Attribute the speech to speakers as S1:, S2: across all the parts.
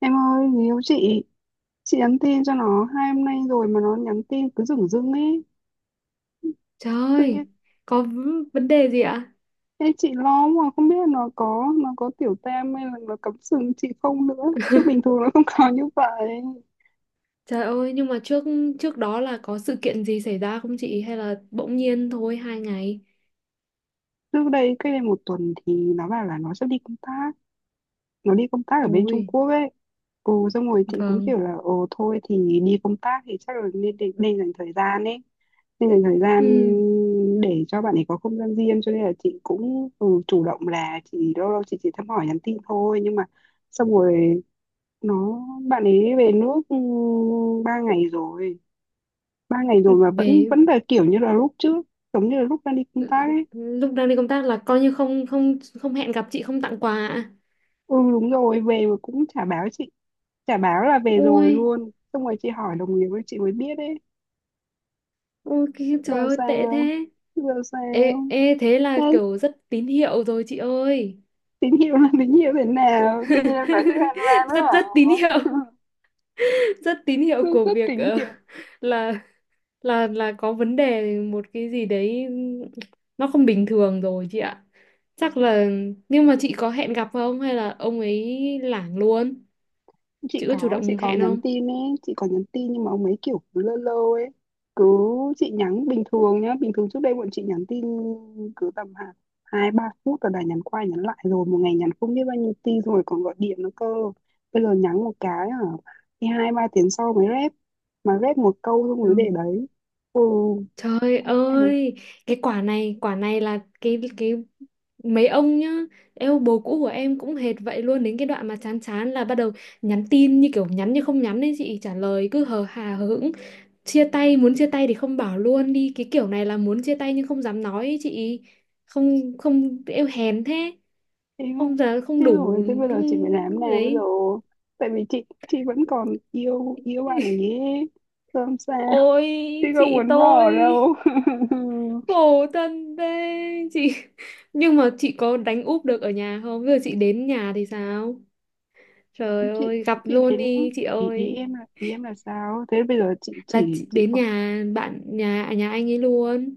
S1: Em ơi, người yêu chị nhắn tin cho nó 2 hôm nay rồi mà nó nhắn tin cứ dửng dưng ấy.
S2: Trời
S1: Tự nhiên,
S2: ơi, có vấn đề gì ạ?
S1: em chị lo mà không biết là nó có tiểu tam hay là nó cắm sừng chị không nữa. Chứ bình thường nó không có như vậy.
S2: Trời ơi, nhưng mà trước trước đó là có sự kiện gì xảy ra không chị? Hay là bỗng nhiên thôi 2 ngày?
S1: Trước đây, cách đây một tuần thì nó bảo là nó sẽ đi công tác, nó đi công tác ở bên Trung
S2: Ôi,
S1: Quốc ấy. Ồ, xong rồi chị cũng kiểu
S2: vâng.
S1: là, ồ thôi thì đi công tác thì chắc là nên dành thời gian ấy nên dành thời gian
S2: Ừ,
S1: để cho bạn ấy có không gian riêng, cho nên là chị cũng ừ, chủ động là chị lâu lâu chị chỉ thăm hỏi nhắn tin thôi. Nhưng mà xong rồi nó bạn ấy về nước, ừ, ba ngày rồi ba ngày rồi mà vẫn
S2: về
S1: vẫn là kiểu như là lúc trước, giống như là lúc đang đi công tác ấy.
S2: lúc đang đi công tác là coi như không không không hẹn gặp chị không tặng quà ạ.
S1: Ừ đúng rồi, về mà cũng chả báo chị, chả báo là về rồi
S2: Ôi,
S1: luôn. Xong rồi chị hỏi đồng nghiệp ấy, chị mới biết ấy.
S2: trời
S1: giờ
S2: ơi tệ
S1: sao
S2: thế.
S1: giờ
S2: Ê,
S1: sao
S2: ê thế là
S1: Đấy,
S2: kiểu rất tín hiệu rồi chị ơi.
S1: tình yêu là tình yêu thế nào? Tự nhiên em nói chuyện hoang mang nữa
S2: Rất rất tín hiệu,
S1: hả?
S2: rất tín hiệu
S1: Rất,
S2: của
S1: rất
S2: việc
S1: tính
S2: ờ,
S1: kiểu.
S2: là là có vấn đề một cái gì đấy, nó không bình thường rồi chị ạ, chắc là. Nhưng mà chị có hẹn gặp không hay là ông ấy lảng luôn,
S1: chị
S2: chị có chủ
S1: có chị
S2: động
S1: có
S2: hẹn
S1: nhắn
S2: không?
S1: tin ấy, chị có nhắn tin, nhưng mà ông ấy kiểu cứ lơ lơ ấy. Cứ, chị nhắn bình thường nhá, bình thường trước đây bọn chị nhắn tin cứ tầm hạt hai ba phút rồi đã nhắn qua nhắn lại rồi, một ngày nhắn không biết bao nhiêu tin rồi còn gọi điện nữa cơ. Bây giờ nhắn một cái hả thì hai ba tiếng sau mới rep, mà rep một câu xong mới để
S2: Ừ.
S1: đấy. Ừ
S2: Trời ơi, cái quả này là cái mấy ông nhá. Yêu bồ cũ của em cũng hệt vậy luôn, đến cái đoạn mà chán chán là bắt đầu nhắn tin như kiểu nhắn như không nhắn ấy, chị trả lời cứ hờ hà hờ hững. Chia tay muốn chia tay thì không bảo luôn đi, cái kiểu này là muốn chia tay nhưng không dám nói ý chị. Không không, eo hèn thế.
S1: em không.
S2: Không, giờ không
S1: Thế rồi
S2: đủ.
S1: tới bây giờ chị phải làm thế
S2: Không-
S1: nào bây giờ,
S2: đấy.
S1: tại vì chị vẫn còn yêu yêu bạn ấy ấy. Làm sao,
S2: Ôi
S1: chị không
S2: chị
S1: muốn
S2: tôi,
S1: bỏ đâu.
S2: khổ thân thế chị. Nhưng mà chị có đánh úp được ở nhà không, bây giờ chị đến nhà thì sao? Trời
S1: chị
S2: ơi, gặp
S1: chị
S2: luôn
S1: đến,
S2: đi chị
S1: ý, ý
S2: ơi.
S1: em là ý em là sao thế bây giờ? Chị
S2: Là
S1: chỉ
S2: chị
S1: chị
S2: đến nhà bạn nhà anh ấy luôn.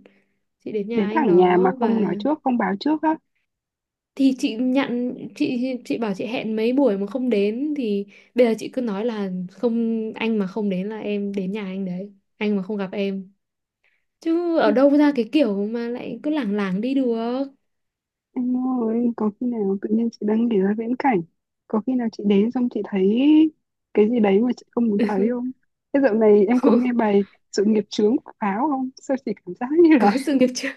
S2: Chị đến nhà
S1: đến
S2: anh
S1: thẳng nhà mà
S2: đó,
S1: không nói
S2: và
S1: trước, không báo trước á?
S2: thì chị nhận, chị bảo chị hẹn mấy buổi mà không đến thì bây giờ chị cứ nói là không, anh mà không đến là em đến nhà anh đấy, anh mà không gặp em. Chứ ở đâu ra cái kiểu mà lại cứ lảng lảng đi được.
S1: Em ơi, có khi nào tự nhiên chị đang nghĩ ra viễn cảnh, có khi nào chị đến xong chị thấy cái gì đấy mà chị không muốn thấy không? Thế dạo này em có nghe bài Sự Nghiệp Chướng của Pháo không? Sao chị cảm giác như
S2: Có
S1: là,
S2: sự nghiệp chưa,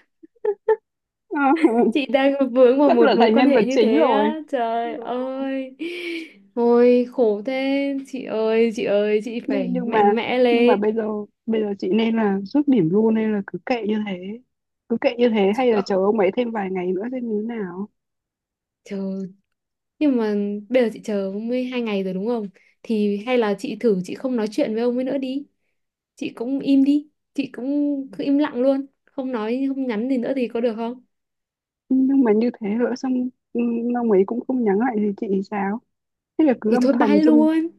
S1: ờ,
S2: chị đang vướng vào
S1: sắp trở
S2: một mối
S1: thành
S2: quan
S1: nhân vật
S2: hệ như
S1: chính
S2: thế
S1: rồi.
S2: á,
S1: Ừ,
S2: trời ơi. Ôi khổ thế chị ơi, chị ơi chị
S1: Nhưng
S2: phải
S1: nhưng mà
S2: mạnh mẽ
S1: nhưng mà
S2: lên.
S1: bây giờ chị nên là rút điểm luôn hay là cứ kệ như thế? Cứ kệ như thế
S2: Chị
S1: hay là
S2: ơi,
S1: chờ ông ấy thêm vài ngày nữa xem như thế nào?
S2: trời. Nhưng mà bây giờ chị chờ mới 2 ngày rồi đúng không? Thì hay là chị thử chị không nói chuyện với ông ấy nữa đi. Chị cũng im đi. Chị cũng cứ im lặng luôn. Không nói, không nhắn gì nữa thì có được không?
S1: Nhưng mà như thế nữa xong ừ, ông ấy cũng không nhắn lại gì chị thì sao? Thế là cứ
S2: Thì
S1: âm
S2: thôi
S1: thầm
S2: bye
S1: xong.
S2: luôn.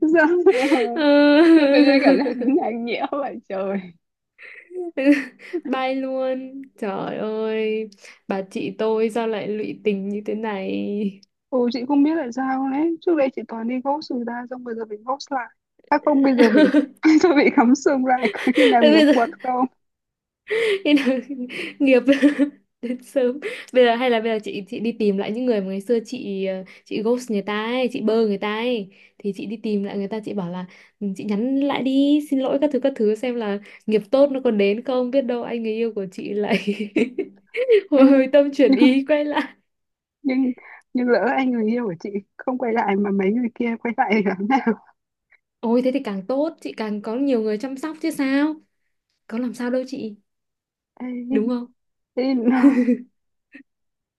S1: Sao sao Tự nhiên
S2: Ờ.
S1: cảm giác nó nhạt nhẽo vậy trời.
S2: Bye luôn. Trời ơi. Bà chị tôi sao lại lụy tình như thế này?
S1: Ừ chị không biết là sao đấy. Trước đây chị toàn đi ghost người ta, xong bây giờ bị ghost lại. À không bây giờ bị tôi bị cắm sừng lại, có khi nào nhập
S2: Bây giờ
S1: quật không?
S2: nên là nghiệp đến sớm, bây giờ hay là bây giờ chị đi tìm lại những người mà ngày xưa chị ghost người ta ấy, chị bơ người ta ấy, thì chị đi tìm lại người ta chị bảo là "Ừ, chị nhắn lại đi xin lỗi các thứ xem là nghiệp tốt nó còn đến không biết đâu, anh người yêu của chị lại
S1: Ê,
S2: hồi hồi tâm chuyển
S1: nhưng
S2: ý quay lại."
S1: nhưng nhưng lỡ anh người yêu của chị không quay lại mà mấy người kia quay lại thì làm nào?
S2: Ôi thế thì càng tốt, chị càng có nhiều người chăm sóc chứ sao, có làm sao đâu chị,
S1: Ê,
S2: đúng không?
S1: thế nó,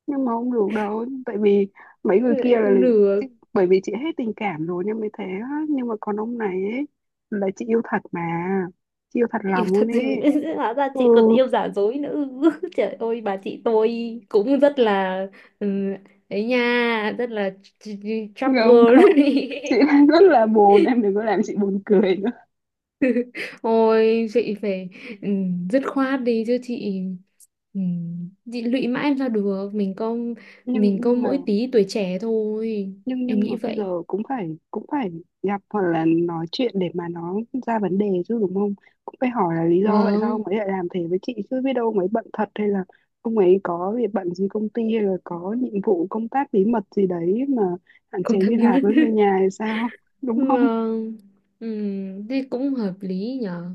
S1: nhưng mà không được đâu, tại vì mấy người kia
S2: Thế
S1: là,
S2: không được.
S1: bởi vì chị hết tình cảm rồi nên mới thế á. Nhưng mà còn ông này ấy, là chị yêu thật mà, chị yêu thật
S2: Yêu
S1: lòng luôn
S2: thật nhưng
S1: ấy.
S2: hóa ra
S1: Ừ
S2: chị còn yêu giả dối nữa. Trời ơi, bà chị tôi cũng rất là, ừ, ấy nha, rất là chóc
S1: không
S2: girl.
S1: không, chị đang rất là buồn, em đừng có làm chị buồn cười nữa.
S2: Ôi chị phải, ừ, dứt khoát đi chứ chị, ừ, chị lụy mãi em ra được, mình có,
S1: nhưng
S2: mình có
S1: nhưng mà
S2: mỗi tí tuổi trẻ thôi,
S1: nhưng
S2: em
S1: nhưng mà
S2: nghĩ
S1: bây
S2: vậy.
S1: giờ cũng phải, cũng phải gặp hoặc là nói chuyện để mà nó ra vấn đề chứ đúng không? Cũng phải hỏi là lý do tại sao ông
S2: Vâng.
S1: ấy lại làm thế với chị chứ, biết đâu ông ấy bận thật hay là ông ấy có việc bận gì công ty hay là có nhiệm vụ công tác bí mật gì đấy mà hạn chế
S2: Công thật
S1: liên
S2: bí
S1: lạc
S2: mật.
S1: với người nhà hay sao đúng không?
S2: Vâng. Ừ, thế cũng hợp lý nhở.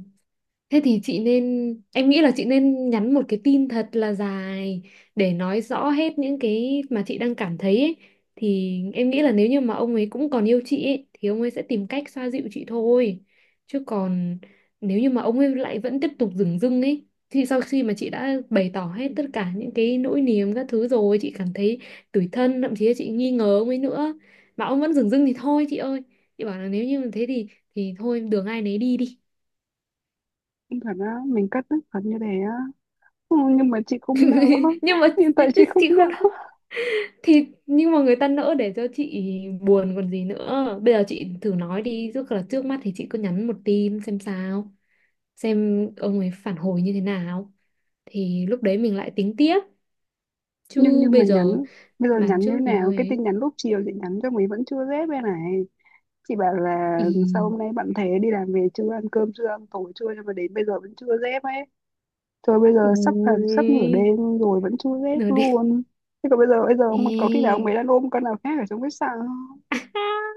S2: Thế thì chị nên, em nghĩ là chị nên nhắn một cái tin thật là dài để nói rõ hết những cái mà chị đang cảm thấy ấy. Thì em nghĩ là nếu như mà ông ấy cũng còn yêu chị ấy, thì ông ấy sẽ tìm cách xoa dịu chị thôi. Chứ còn nếu như mà ông ấy lại vẫn tiếp tục dửng dưng ấy, thì sau khi mà chị đã bày tỏ hết tất cả những cái nỗi niềm các thứ rồi, chị cảm thấy tủi thân, thậm chí là chị nghi ngờ ông ấy nữa. Mà ông vẫn dửng dưng thì thôi chị ơi. Chị bảo là nếu như thế thì thôi đường ai nấy đi đi.
S1: Không thật á, mình cất tức thật như thế á? Ừ, nhưng mà chị không nỡ.
S2: Nhưng mà
S1: Hiện tại chị
S2: thế
S1: không
S2: chị
S1: nỡ.
S2: không đ-, thì nhưng mà người ta nỡ để cho chị buồn còn gì nữa, bây giờ chị thử nói đi, trước là trước mắt thì chị cứ nhắn một tin xem sao, xem ông ấy phản hồi như thế nào thì lúc đấy mình lại tính tiếp,
S1: nhưng
S2: chứ
S1: nhưng mà
S2: bây giờ
S1: nhắn bây giờ
S2: bán
S1: nhắn như
S2: trước
S1: thế
S2: thì
S1: nào?
S2: hơi
S1: Cái tin
S2: ấy.
S1: nhắn lúc chiều chị nhắn cho mấy vẫn chưa dép đây này. Chị bảo là sao
S2: Ý.
S1: hôm nay bạn thế, đi làm về chưa, ăn cơm chưa, ăn tối chưa, nhưng mà đến bây giờ vẫn chưa dép ấy. Thôi bây giờ sắp là sắp nửa
S2: Ôi,
S1: đêm rồi vẫn chưa dép
S2: nửa đêm.
S1: luôn. Thế còn bây giờ, bây giờ ông- có khi nào ông
S2: Ê.
S1: ấy đang ôm con nào khác ở trong khách sạn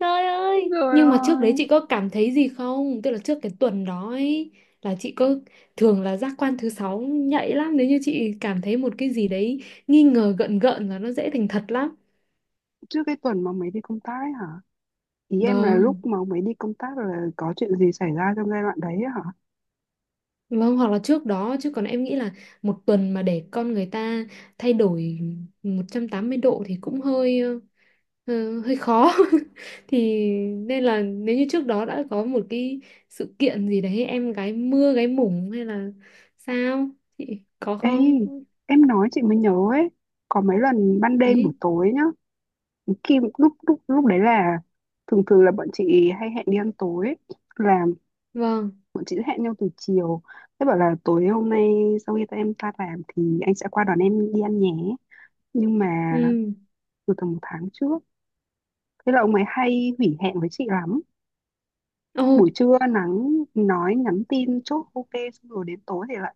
S2: Trời
S1: không
S2: ơi,
S1: rồi
S2: nhưng mà trước
S1: ơi.
S2: đấy chị có cảm thấy gì không? Tức là trước cái tuần đó ấy, là chị có, thường là giác quan thứ sáu nhạy lắm, nếu như chị cảm thấy một cái gì đấy nghi ngờ gợn gợn là nó dễ thành thật lắm.
S1: Trước cái tuần mà ông đi công tác ấy hả? Ý em là lúc
S2: Vâng,
S1: mà ông đi công tác là có chuyện gì xảy ra trong giai đoạn đấy ấy hả?
S2: vâng, hoặc là trước đó, chứ còn em nghĩ là một tuần mà để con người ta thay đổi 180 độ thì cũng hơi, hơi khó. Thì nên là nếu như trước đó đã có một cái sự kiện gì đấy, em gái mưa gái mủng hay là sao, chị có
S1: Ê,
S2: không?
S1: em nói chị mới nhớ ấy. Có mấy lần ban đêm buổi
S2: Ý.
S1: tối nhá, khi lúc lúc lúc đấy là thường thường là bọn chị hay hẹn đi ăn tối ấy. Là
S2: Vâng.
S1: bọn chị sẽ hẹn nhau từ chiều, thế bảo là tối hôm nay sau khi ta em ta làm thì anh sẽ qua đón em đi ăn nhé, nhưng mà
S2: Ừ.
S1: từ tầm một tháng trước, thế là ông ấy hay hủy hẹn với chị lắm.
S2: Ồ.
S1: Buổi trưa nắng, nói nhắn tin chốt ok xong rồi đến tối thì lại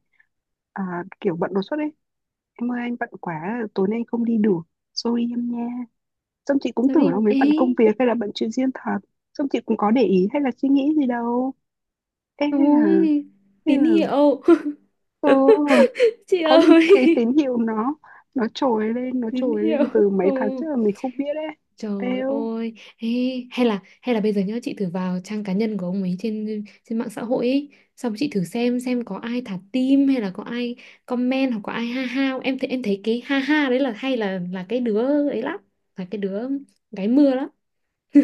S1: à, kiểu bận đột xuất ấy. Em ơi anh bận quá tối nay không đi được, sorry em nha. Xong chị cũng
S2: Sao
S1: tưởng
S2: đi
S1: là mấy bận công
S2: ấy.
S1: việc hay là bận chuyện riêng thật, xong chị cũng có để ý hay là suy nghĩ gì đâu. Ê, hay là,
S2: Ôi
S1: hay
S2: tín
S1: là,
S2: hiệu.
S1: ừ,
S2: Chị
S1: có những
S2: ơi.
S1: cái tín hiệu nó, nó trồi lên nó
S2: Tín
S1: trồi
S2: hiệu.
S1: lên từ mấy tháng
S2: Ồ.
S1: trước mà mình không biết đấy.
S2: Trời
S1: Eo,
S2: ơi. Ê, hay là, hay là bây giờ nhớ chị thử vào trang cá nhân của ông ấy trên trên mạng xã hội ấy, xong chị thử xem có ai thả tim hay là có ai comment hoặc có ai ha ha không. Em thấy cái ha ha đấy là, hay là cái đứa ấy lắm, là cái đứa gái mưa lắm.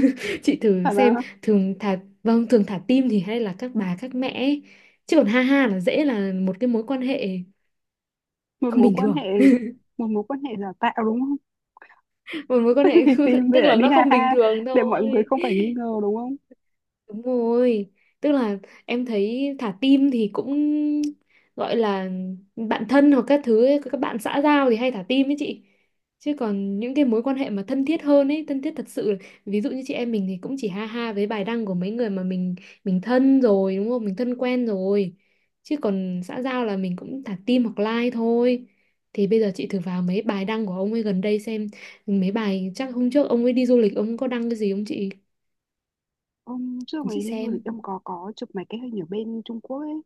S2: Chị thử
S1: phải là
S2: xem, thường thả, vâng, thường thả tim thì hay là các bà các mẹ ấy. Chứ còn ha ha là dễ là một cái mối quan hệ
S1: một
S2: không
S1: mối
S2: bình
S1: quan
S2: thường,
S1: hệ, một mối quan hệ giả tạo đúng không?
S2: một mối quan hệ,
S1: Vì tìm để
S2: tức
S1: lại
S2: là
S1: đi
S2: nó
S1: ha
S2: không bình
S1: ha
S2: thường
S1: để mọi
S2: thôi.
S1: người không phải nghi ngờ đúng không?
S2: Đúng rồi, tức là em thấy thả tim thì cũng gọi là bạn thân hoặc các thứ ấy, các bạn xã giao thì hay thả tim ấy chị. Chứ còn những cái mối quan hệ mà thân thiết hơn ấy, thân thiết thật sự, ví dụ như chị em mình thì cũng chỉ ha ha với bài đăng của mấy người mà mình thân rồi, đúng không? Mình thân quen rồi. Chứ còn xã giao là mình cũng thả tim hoặc like thôi. Thì bây giờ chị thử vào mấy bài đăng của ông ấy gần đây xem, mấy bài chắc hôm trước ông ấy đi du lịch ông có đăng cái gì không chị?
S1: Hôm trước
S2: Chị
S1: mày đi du
S2: xem.
S1: lịch em có chụp mấy cái hình ở bên Trung Quốc ấy,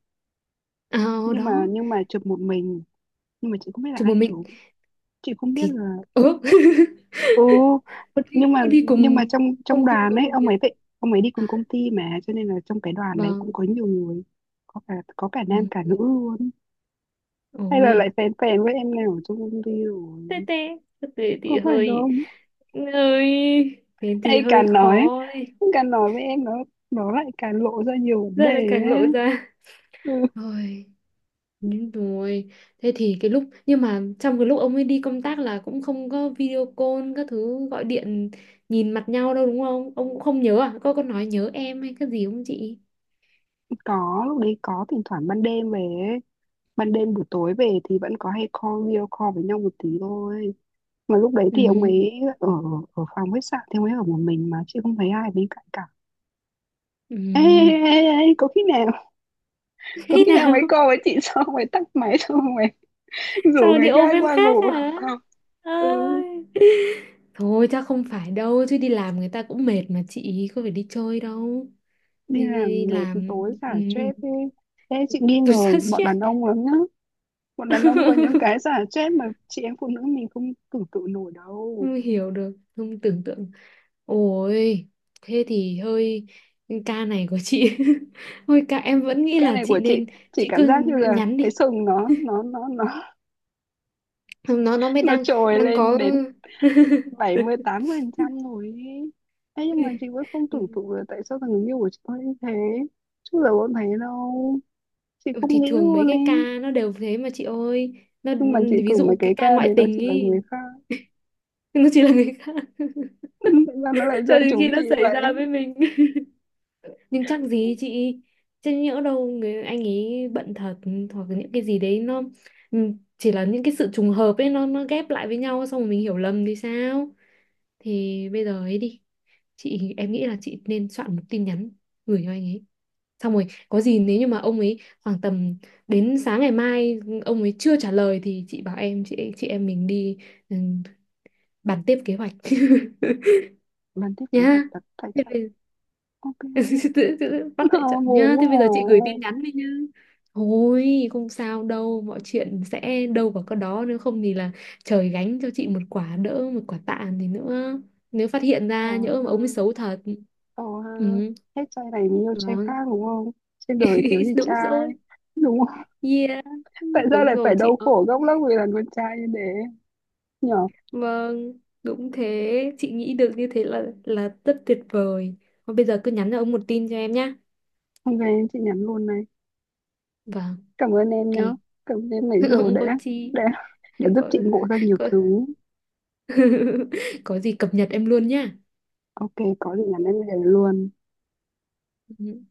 S2: À,
S1: nhưng mà
S2: đó,
S1: nhưng mà chụp một mình, nhưng mà chị không biết là
S2: chụp
S1: ai
S2: một mình
S1: chụp, chị không biết
S2: thì
S1: là,
S2: ừ.
S1: ừ,
S2: Có đi,
S1: nhưng mà, nhưng mà
S2: cùng
S1: trong trong
S2: không không
S1: đoàn
S2: có
S1: ấy
S2: đồng
S1: ông
S2: nghiệp,
S1: ấy vậy, ông ấy đi
S2: à,
S1: cùng công ty mà cho nên là trong cái đoàn đấy cũng
S2: vâng.
S1: có nhiều người, có cả, có cả
S2: Ừ.
S1: nam cả nữ luôn. Hay là
S2: Ôi.
S1: lại phèn phèn với em nào ở trong công ty
S2: Tê
S1: rồi,
S2: tê, thì
S1: có phải
S2: hơi,
S1: không?
S2: ơi thế thì
S1: Hay
S2: hơi
S1: càng nói
S2: khó ấy.
S1: càng nói với em nó lại càng lộ ra nhiều vấn đề
S2: Giờ lại càng
S1: ấy.
S2: lộ ra.
S1: Ừ,
S2: Ôi nhưng rồi, thế thì cái lúc nhưng mà trong cái lúc ông ấy đi công tác là cũng không có video call các thứ, gọi điện nhìn mặt nhau đâu đúng không, ông cũng không nhớ à, có nói nhớ em hay cái gì không chị?
S1: có lúc đấy có thỉnh thoảng ban đêm về ấy. Ban đêm buổi tối về thì vẫn có hay call video call với nhau một tí thôi, mà lúc đấy thì ông
S2: Ừ.
S1: ấy ở, ở phòng khách sạn thì ông ấy ở một mình mà chị không thấy ai bên cạnh cả. ê, ê,
S2: Ừ.
S1: ê, ê, có khi nào, có
S2: Thế
S1: khi nào
S2: nào?
S1: mấy cô với chị xong rồi tắt máy xong rồi
S2: Sao
S1: rủ
S2: lại đi
S1: người
S2: ôm
S1: khác
S2: em
S1: qua
S2: khác
S1: ngủ.
S2: hả,
S1: Ừ,
S2: ơi, thôi chắc không phải đâu, chứ đi làm người ta cũng mệt mà, chị có phải đi chơi đâu,
S1: đi
S2: đi, đi,
S1: làm
S2: đi
S1: mệt
S2: làm,
S1: tối
S2: ừ,
S1: xả stress đi. Thế chị nghi
S2: tôi
S1: ngờ
S2: sát
S1: bọn
S2: stress.
S1: đàn ông lắm nhá, bọn đàn ông có những cái xả stress mà chị em phụ nữ mình không tưởng tượng nổi đâu.
S2: Không hiểu được, không tưởng tượng. Ôi thế thì hơi, ca này của chị. Thôi ca em vẫn nghĩ
S1: Cái
S2: là
S1: này
S2: chị
S1: của chị
S2: nên,
S1: chị
S2: chị
S1: cảm
S2: cứ
S1: giác như là
S2: nhắn
S1: cái
S2: đi,
S1: sừng nó nó nó nó
S2: nó mới
S1: nó
S2: đang,
S1: trồi
S2: đang
S1: lên
S2: có.
S1: đến 78% rồi ý. Thế nhưng mà chị vẫn không tưởng tượng là tại sao thằng người yêu của chị có như thế, chứ giờ vẫn thấy đâu, chị
S2: Ừ,
S1: không
S2: thì
S1: nghĩ
S2: thường mấy
S1: luôn ấy.
S2: cái ca nó đều thế mà chị ơi, nó,
S1: Nhưng mà chị
S2: ví
S1: tưởng mấy
S2: dụ cái
S1: cái
S2: ca
S1: ca
S2: ngoại
S1: đấy nó
S2: tình
S1: chỉ là
S2: ý.
S1: người khác.
S2: Nó chỉ là người khác.
S1: Tại sao nó lại rơi
S2: Cho đến khi
S1: chúng
S2: nó
S1: chị
S2: xảy
S1: vậy?
S2: ra với mình. Nhưng chắc gì chị, chứ nhỡ đâu người anh ấy bận thật, hoặc là những cái gì đấy nó, ừ, chỉ là những cái sự trùng hợp ấy, nó ghép lại với nhau xong rồi mình hiểu lầm thì sao? Thì bây giờ ấy đi. Chị, em nghĩ là chị nên soạn một tin nhắn gửi cho anh ấy. Xong rồi, có gì nếu như mà ông ấy khoảng tầm đến sáng ngày mai ông ấy chưa trả lời thì chị bảo em, chị em mình đi, ừ, bàn tiếp kế hoạch
S1: Lần tiếp kế hoạch
S2: nhá.
S1: đặt tại
S2: Thế
S1: trận,
S2: bây,
S1: ok.
S2: Tự bắt
S1: Ờ,
S2: tại trận
S1: ngu
S2: nhá, thế
S1: quá
S2: bây
S1: à.
S2: giờ chị gửi tin nhắn đi nhá, thôi không sao đâu, mọi chuyện sẽ đâu vào cái đó, nếu không thì là trời gánh cho chị một quả, đỡ một quả tạ thì nữa, nếu phát hiện
S1: Ồ
S2: ra nhỡ mà
S1: ha,
S2: ông ấy xấu thật.
S1: ồ ha,
S2: Ừ.
S1: hết trai này mình yêu trai khác
S2: Vâng.
S1: đúng không, trên đời thiếu gì
S2: Đúng
S1: trai,
S2: rồi.
S1: đúng không?
S2: Yeah.
S1: Tại sao
S2: Đúng
S1: lại phải
S2: rồi chị
S1: đau
S2: ơi.
S1: khổ gốc lắm vì là con trai như thế nhở?
S2: Vâng đúng thế, chị nghĩ được như thế là rất tuyệt vời. Thôi bây giờ cứ nhắn cho ông một tin cho em nhá.
S1: Ok, chị nhắn luôn này.
S2: Vâng.
S1: Cảm ơn em
S2: Ok.
S1: nhá, cảm ơn em nãy giờ
S2: Không có chi.
S1: đã đã giúp
S2: Có.
S1: chị ngộ ra nhiều
S2: Có.
S1: thứ.
S2: Có gì cập nhật em luôn nhá.
S1: Ok, có gì nhắn em liền luôn.
S2: Ừ.